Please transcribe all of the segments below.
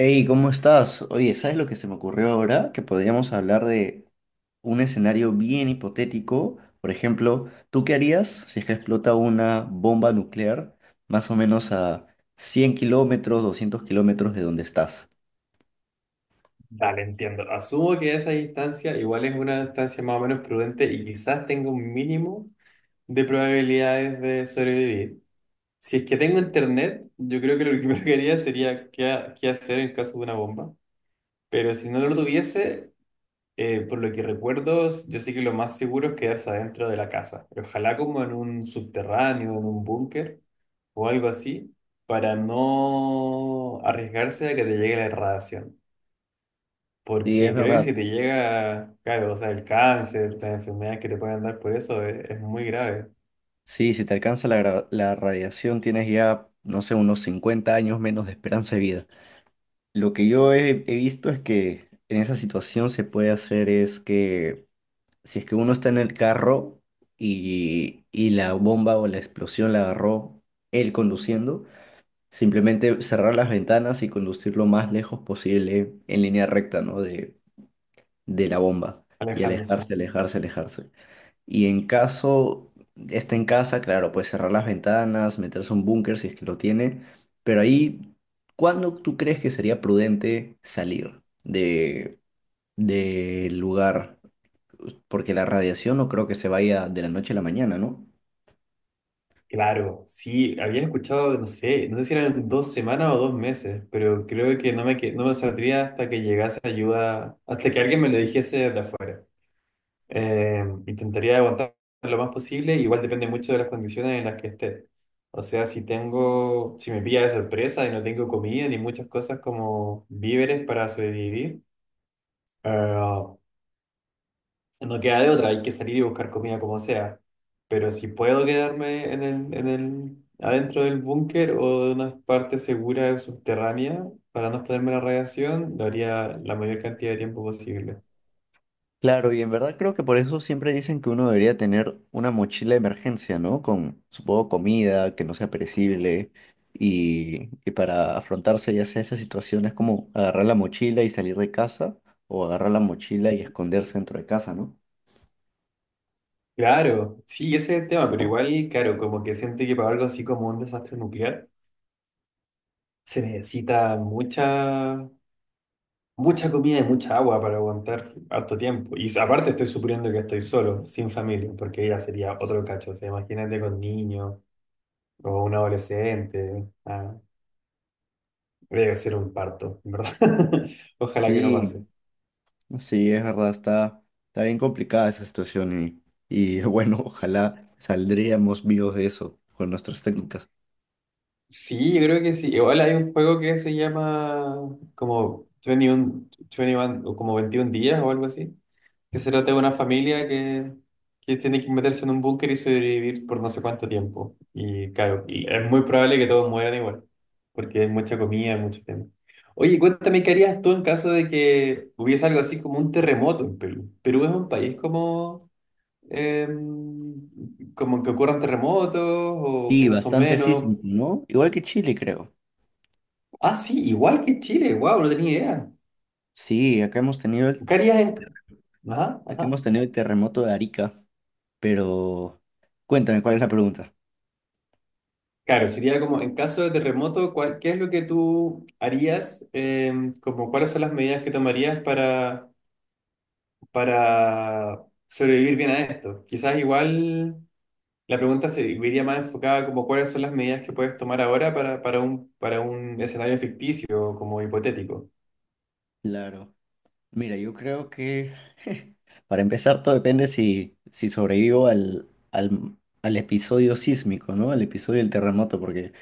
Hey, ¿cómo estás? Oye, ¿sabes lo que se me ocurrió ahora? Que podríamos hablar de un escenario bien hipotético. Por ejemplo, ¿tú qué harías si es que explota una bomba nuclear más o menos a 100 kilómetros, 200 kilómetros de donde estás? Dale, entiendo. Asumo que esa distancia igual es una distancia más o menos prudente y quizás tenga un mínimo de probabilidades de sobrevivir. Si es que tengo internet, yo creo que lo primero que haría sería qué, qué hacer en caso de una bomba. Pero si no lo tuviese, por lo que recuerdo, yo sé que lo más seguro es quedarse adentro de la casa. Ojalá como en un subterráneo, en un búnker o algo así, para no arriesgarse a que te llegue la radiación. Sí, es Porque creo que si te verdad. llega, claro, o sea, el cáncer, las enfermedades que te pueden dar por eso, es muy grave, Sí, si te alcanza la radiación tienes ya, no sé, unos 50 años menos de esperanza de vida. Lo que yo he visto es que en esa situación se puede hacer es que si es que uno está en el carro y la bomba o la explosión la agarró él conduciendo, simplemente cerrar las ventanas y conducir lo más lejos posible en línea recta, ¿no? De la bomba y alejándose. alejarse, alejarse, alejarse. Y en caso esté en casa, claro, pues cerrar las ventanas, meterse a un búnker si es que lo tiene, pero ahí, ¿cuándo tú crees que sería prudente salir del lugar? Porque la radiación no creo que se vaya de la noche a la mañana, ¿no? Claro, sí, había escuchado, no sé, no sé si eran dos semanas o dos meses, pero creo que no me saldría hasta que llegase ayuda, hasta que alguien me lo dijese de afuera. Intentaría aguantar lo más posible, igual depende mucho de las condiciones en las que esté. O sea, si me pilla de sorpresa y no tengo comida ni muchas cosas como víveres para sobrevivir. eh, No queda de otra, hay que salir y buscar comida como sea. Pero si puedo quedarme adentro del búnker o de una parte segura o subterránea para no exponerme a la radiación, lo haría la mayor cantidad de tiempo posible. Claro, y en verdad creo que por eso siempre dicen que uno debería tener una mochila de emergencia, ¿no? Con, supongo, comida que no sea perecible y para afrontarse ya sea esas situaciones como agarrar la mochila y salir de casa o agarrar la mochila y esconderse dentro de casa, ¿no? Claro, sí, ese es el tema, pero igual, claro, como que siento que para algo así como un desastre nuclear se necesita mucha comida y mucha agua para aguantar harto tiempo. Y aparte estoy suponiendo que estoy solo, sin familia, porque ya sería otro cacho, o sea, imagínate con niños. O un adolescente. Debe ser un parto, ¿en verdad? Ojalá que no Sí, pase. sí, es verdad, está, está bien complicada esa situación y bueno, ojalá saldríamos vivos de eso con nuestras técnicas. Sí, yo creo que sí. Igual hay un juego que se llama como 21, 21 o como 21 días o algo así, que se trata de una familia que tiene que meterse en un búnker y sobrevivir por no sé cuánto tiempo. Y claro, y es muy probable que todos mueran igual, porque hay mucha comida, hay mucho tema. Oye, cuéntame, ¿qué harías tú en caso de que hubiese algo así como un terremoto en Perú? Perú es un país como Em, como que ocurran terremotos o Sí, quizás son bastante menos. sísmico, ¿no? Igual que Chile, creo. Ah, sí, igual que Chile, wow, no tenía idea. Sí, acá hemos tenido el, ¿Qué harías en... Ajá, aquí ajá. hemos tenido el terremoto de Arica, pero cuéntame, ¿cuál es la pregunta? Claro, sería como en caso de terremoto, ¿qué es lo que tú harías? Em, como, ¿cuáles son las medidas que tomarías para sobrevivir bien a esto? Quizás igual la pregunta se iría más enfocada como cuáles son las medidas que puedes tomar ahora para, para un escenario ficticio, como hipotético. Claro. Mira, yo creo que para empezar todo depende si sobrevivo al episodio sísmico, ¿no? Al episodio del terremoto, porque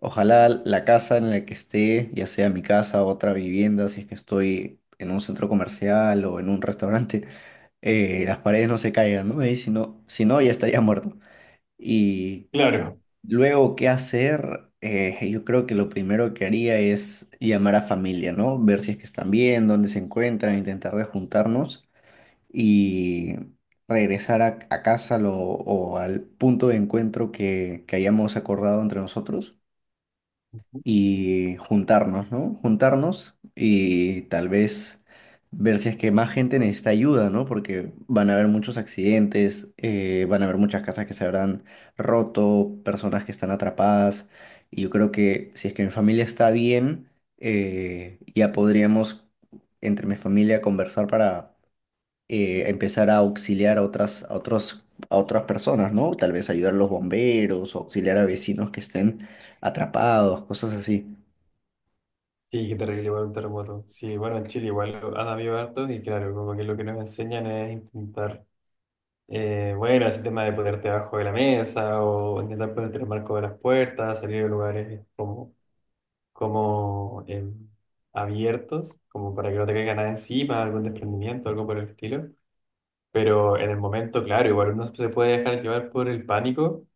ojalá la casa en la que esté, ya sea mi casa o otra vivienda, si es que estoy en un centro comercial o en un restaurante, las paredes no se caigan, ¿no? Y si no, si no, ya estaría muerto. Y Claro. luego, ¿qué hacer? Yo creo que lo primero que haría es llamar a familia, ¿no? Ver si es que están bien, dónde se encuentran, intentar de juntarnos y regresar a casa lo- o al punto de encuentro que hayamos acordado entre nosotros y juntarnos, ¿no? Juntarnos y tal vez ver si es que más gente necesita ayuda, ¿no? Porque van a haber muchos accidentes, van a haber muchas casas que se habrán roto, personas que están atrapadas. Y yo creo que si es que mi familia está bien, ya podríamos entre mi familia conversar para empezar a auxiliar a otras, a otros, a otras personas, ¿no? Tal vez ayudar a los bomberos o auxiliar a vecinos que estén atrapados, cosas así. Sí, qué terrible igual un terremoto. Sí, bueno, en Chile igual han habido hartos y claro, como que lo que nos enseñan es intentar, bueno, ese tema de ponerte abajo de la mesa o intentar ponerte en el marco de las puertas, salir de lugares como, como abiertos, como para que no te caiga nada encima, algún desprendimiento, algo por el estilo. Pero en el momento, claro, igual uno se puede dejar llevar por el pánico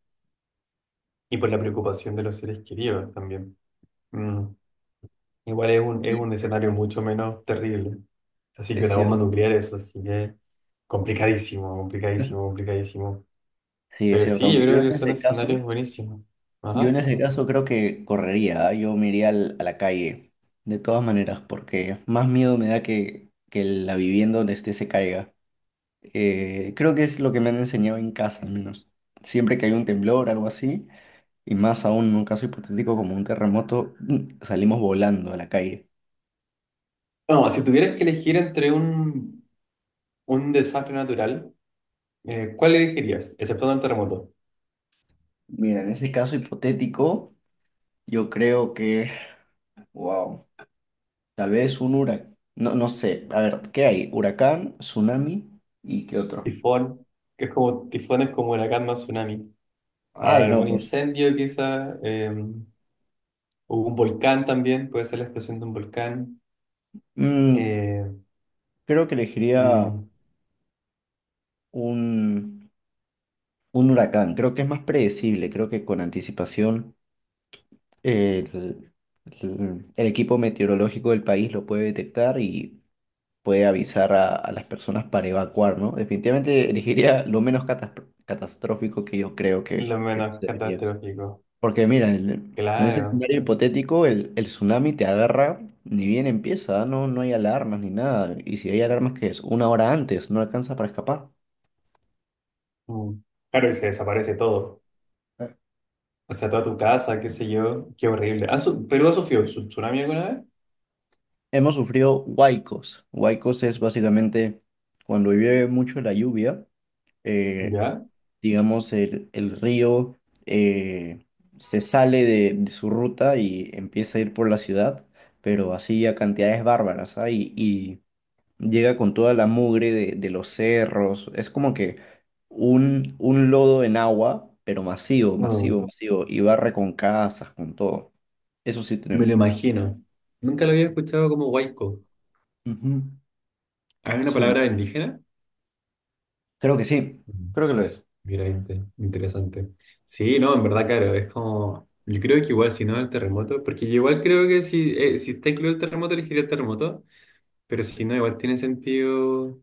y por la preocupación de los seres queridos también. Mm. Igual es Y es un escenario cierto, mucho menos terrible. Así que es una bomba cierto. nuclear, eso sí que es complicadísimo, complicadísimo, complicadísimo. Sí, es Pero cierto. sí, yo Aunque yo creo en que son ese escenarios caso, buenísimos. yo Ajá. en ese caso creo que correría, ¿ah? Yo me iría al- a la calle, de todas maneras, porque más miedo me da que la vivienda donde esté se caiga. Creo que es lo que me han enseñado en casa, al menos. Siempre que hay un temblor, algo así, y más aún en un caso hipotético como un terremoto, mm, salimos volando a la calle. No, si tuvieras que elegir entre un desastre natural, ¿cuál elegirías? Excepto un terremoto. Mira, en ese caso hipotético, yo creo que, wow. Tal vez un huracán. No, no sé. A ver, ¿qué hay? Huracán, tsunami y qué otro. Tifón, que es como, tifón es como huracán más tsunami. Ay, no, Algún pues. incendio quizá, o un volcán también, puede ser la explosión de un volcán. mm, Eh, creo que elegiría mm, un, un huracán. Creo que es más predecible. Creo que con anticipación el, el equipo meteorológico del país lo puede detectar y puede avisar a las personas para evacuar, ¿no? Definitivamente elegiría lo menos catastrófico que yo creo lo que menos sucedería. catastrófico. Porque mira, el- en ese Claro. escenario hipotético, el tsunami te agarra, ni bien empieza, no, no hay alarmas ni nada. Y si hay alarmas, que es? Una hora antes, no alcanza para escapar. Mm. Claro, y se desaparece todo. Eh, O sea, toda tu casa, qué sé yo. Qué horrible. ¿Perú ha sufrido tsunami alguna vez? Hemos sufrido huaicos. Huaicos es básicamente cuando llueve mucho la lluvia, eh, ¿Ya? digamos, el río eh, se sale de su ruta y empieza a ir por la ciudad, pero así a cantidades bárbaras, ¿ah? Y llega con toda la mugre de los cerros. Es como que un lodo en agua, pero masivo, masivo, Mm. masivo. Y barre con casas, con todo. Eso sí Me lo tenemos. imagino. Nunca lo había escuchado como huayco. Ujú, ¿Ah, ¿es una sí, palabra indígena? creo que sí, Mm. creo que lo es. Mira, interesante. Sí, no, en verdad, claro, es como... Yo creo que igual, si no, el terremoto, porque yo igual creo que si, si está incluido el terremoto, elegiría el terremoto, pero si no, igual tiene sentido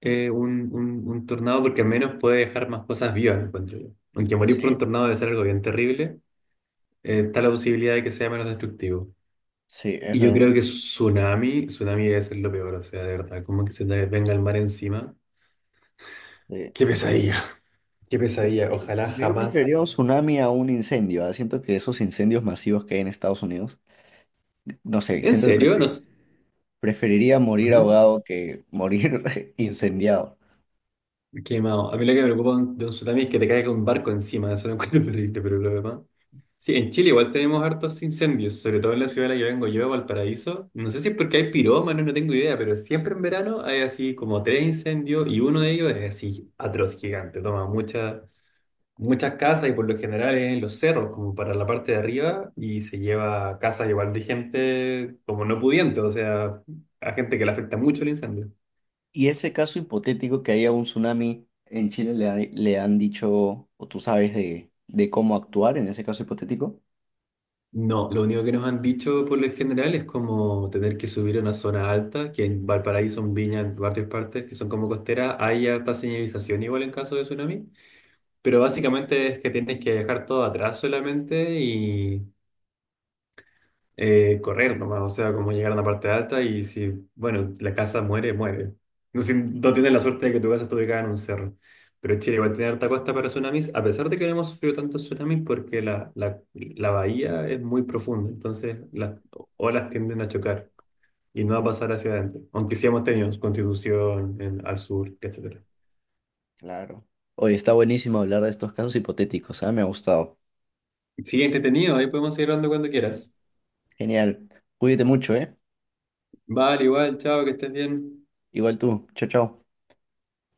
un tornado porque al menos puede dejar más cosas vivas, encuentro yo. Aunque morir por un Sí, tornado debe ser algo bien terrible, está la posibilidad de que sea menos destructivo. sí, es Y yo creo verdad. que tsunami debe ser lo peor, o sea, de verdad, como que se te venga el mar encima. Este, Qué pesadilla. Qué qué pesadilla, pesadilla. ojalá Aunque yo preferiría un jamás. tsunami a un incendio, ¿ah? Siento que esos incendios masivos que hay en Estados Unidos, no sé, ¿En siento que serio? No. Preferiría morir Ujú. ahogado que morir incendiado. Quemado. A mí lo que me preocupa de un tsunami es que te caiga un barco encima, eso lo encuentro terrible, pero lo demás. Sí, en Chile igual tenemos hartos incendios, sobre todo en la ciudad de la que vengo yo, Valparaíso. No sé si es porque hay pirómanos, no tengo idea, pero siempre en verano hay así como tres incendios y uno de ellos es así atroz, gigante. Toma muchas casas y por lo general es en los cerros, como para la parte de arriba, y se lleva casas igual de gente como no pudiente, o sea, a gente que le afecta mucho el incendio. Y ese caso hipotético que haya un tsunami en Chile, ¿le han dicho, o tú sabes de cómo actuar en ese caso hipotético? No, lo único que nos han dicho por lo general es como tener que subir a una zona alta, que en Valparaíso, en Viña, en varias partes que son como costeras, hay harta señalización igual en caso de tsunami, pero básicamente es que tienes que dejar todo atrás solamente y correr nomás, o sea, como llegar a una parte alta y si, bueno, la casa muere, muere. No, si, no tienes la suerte de que tu casa esté ubicada en un cerro. Pero Chile igual tiene harta costa para tsunamis, a pesar de que no hemos sufrido tantos tsunamis porque la bahía es muy profunda, entonces las olas tienden a chocar y no va a pasar hacia adentro, aunque sí hemos tenido Constitución al sur, etcétera. Claro. Oye, está buenísimo hablar de estos casos hipotéticos, ¿ah? Me ha gustado. Sigue entretenido, ahí podemos seguir hablando cuando quieras. Genial. Cuídate mucho, ¿eh? Vale, igual, chao, que estés bien. Igual tú. Chao, chao.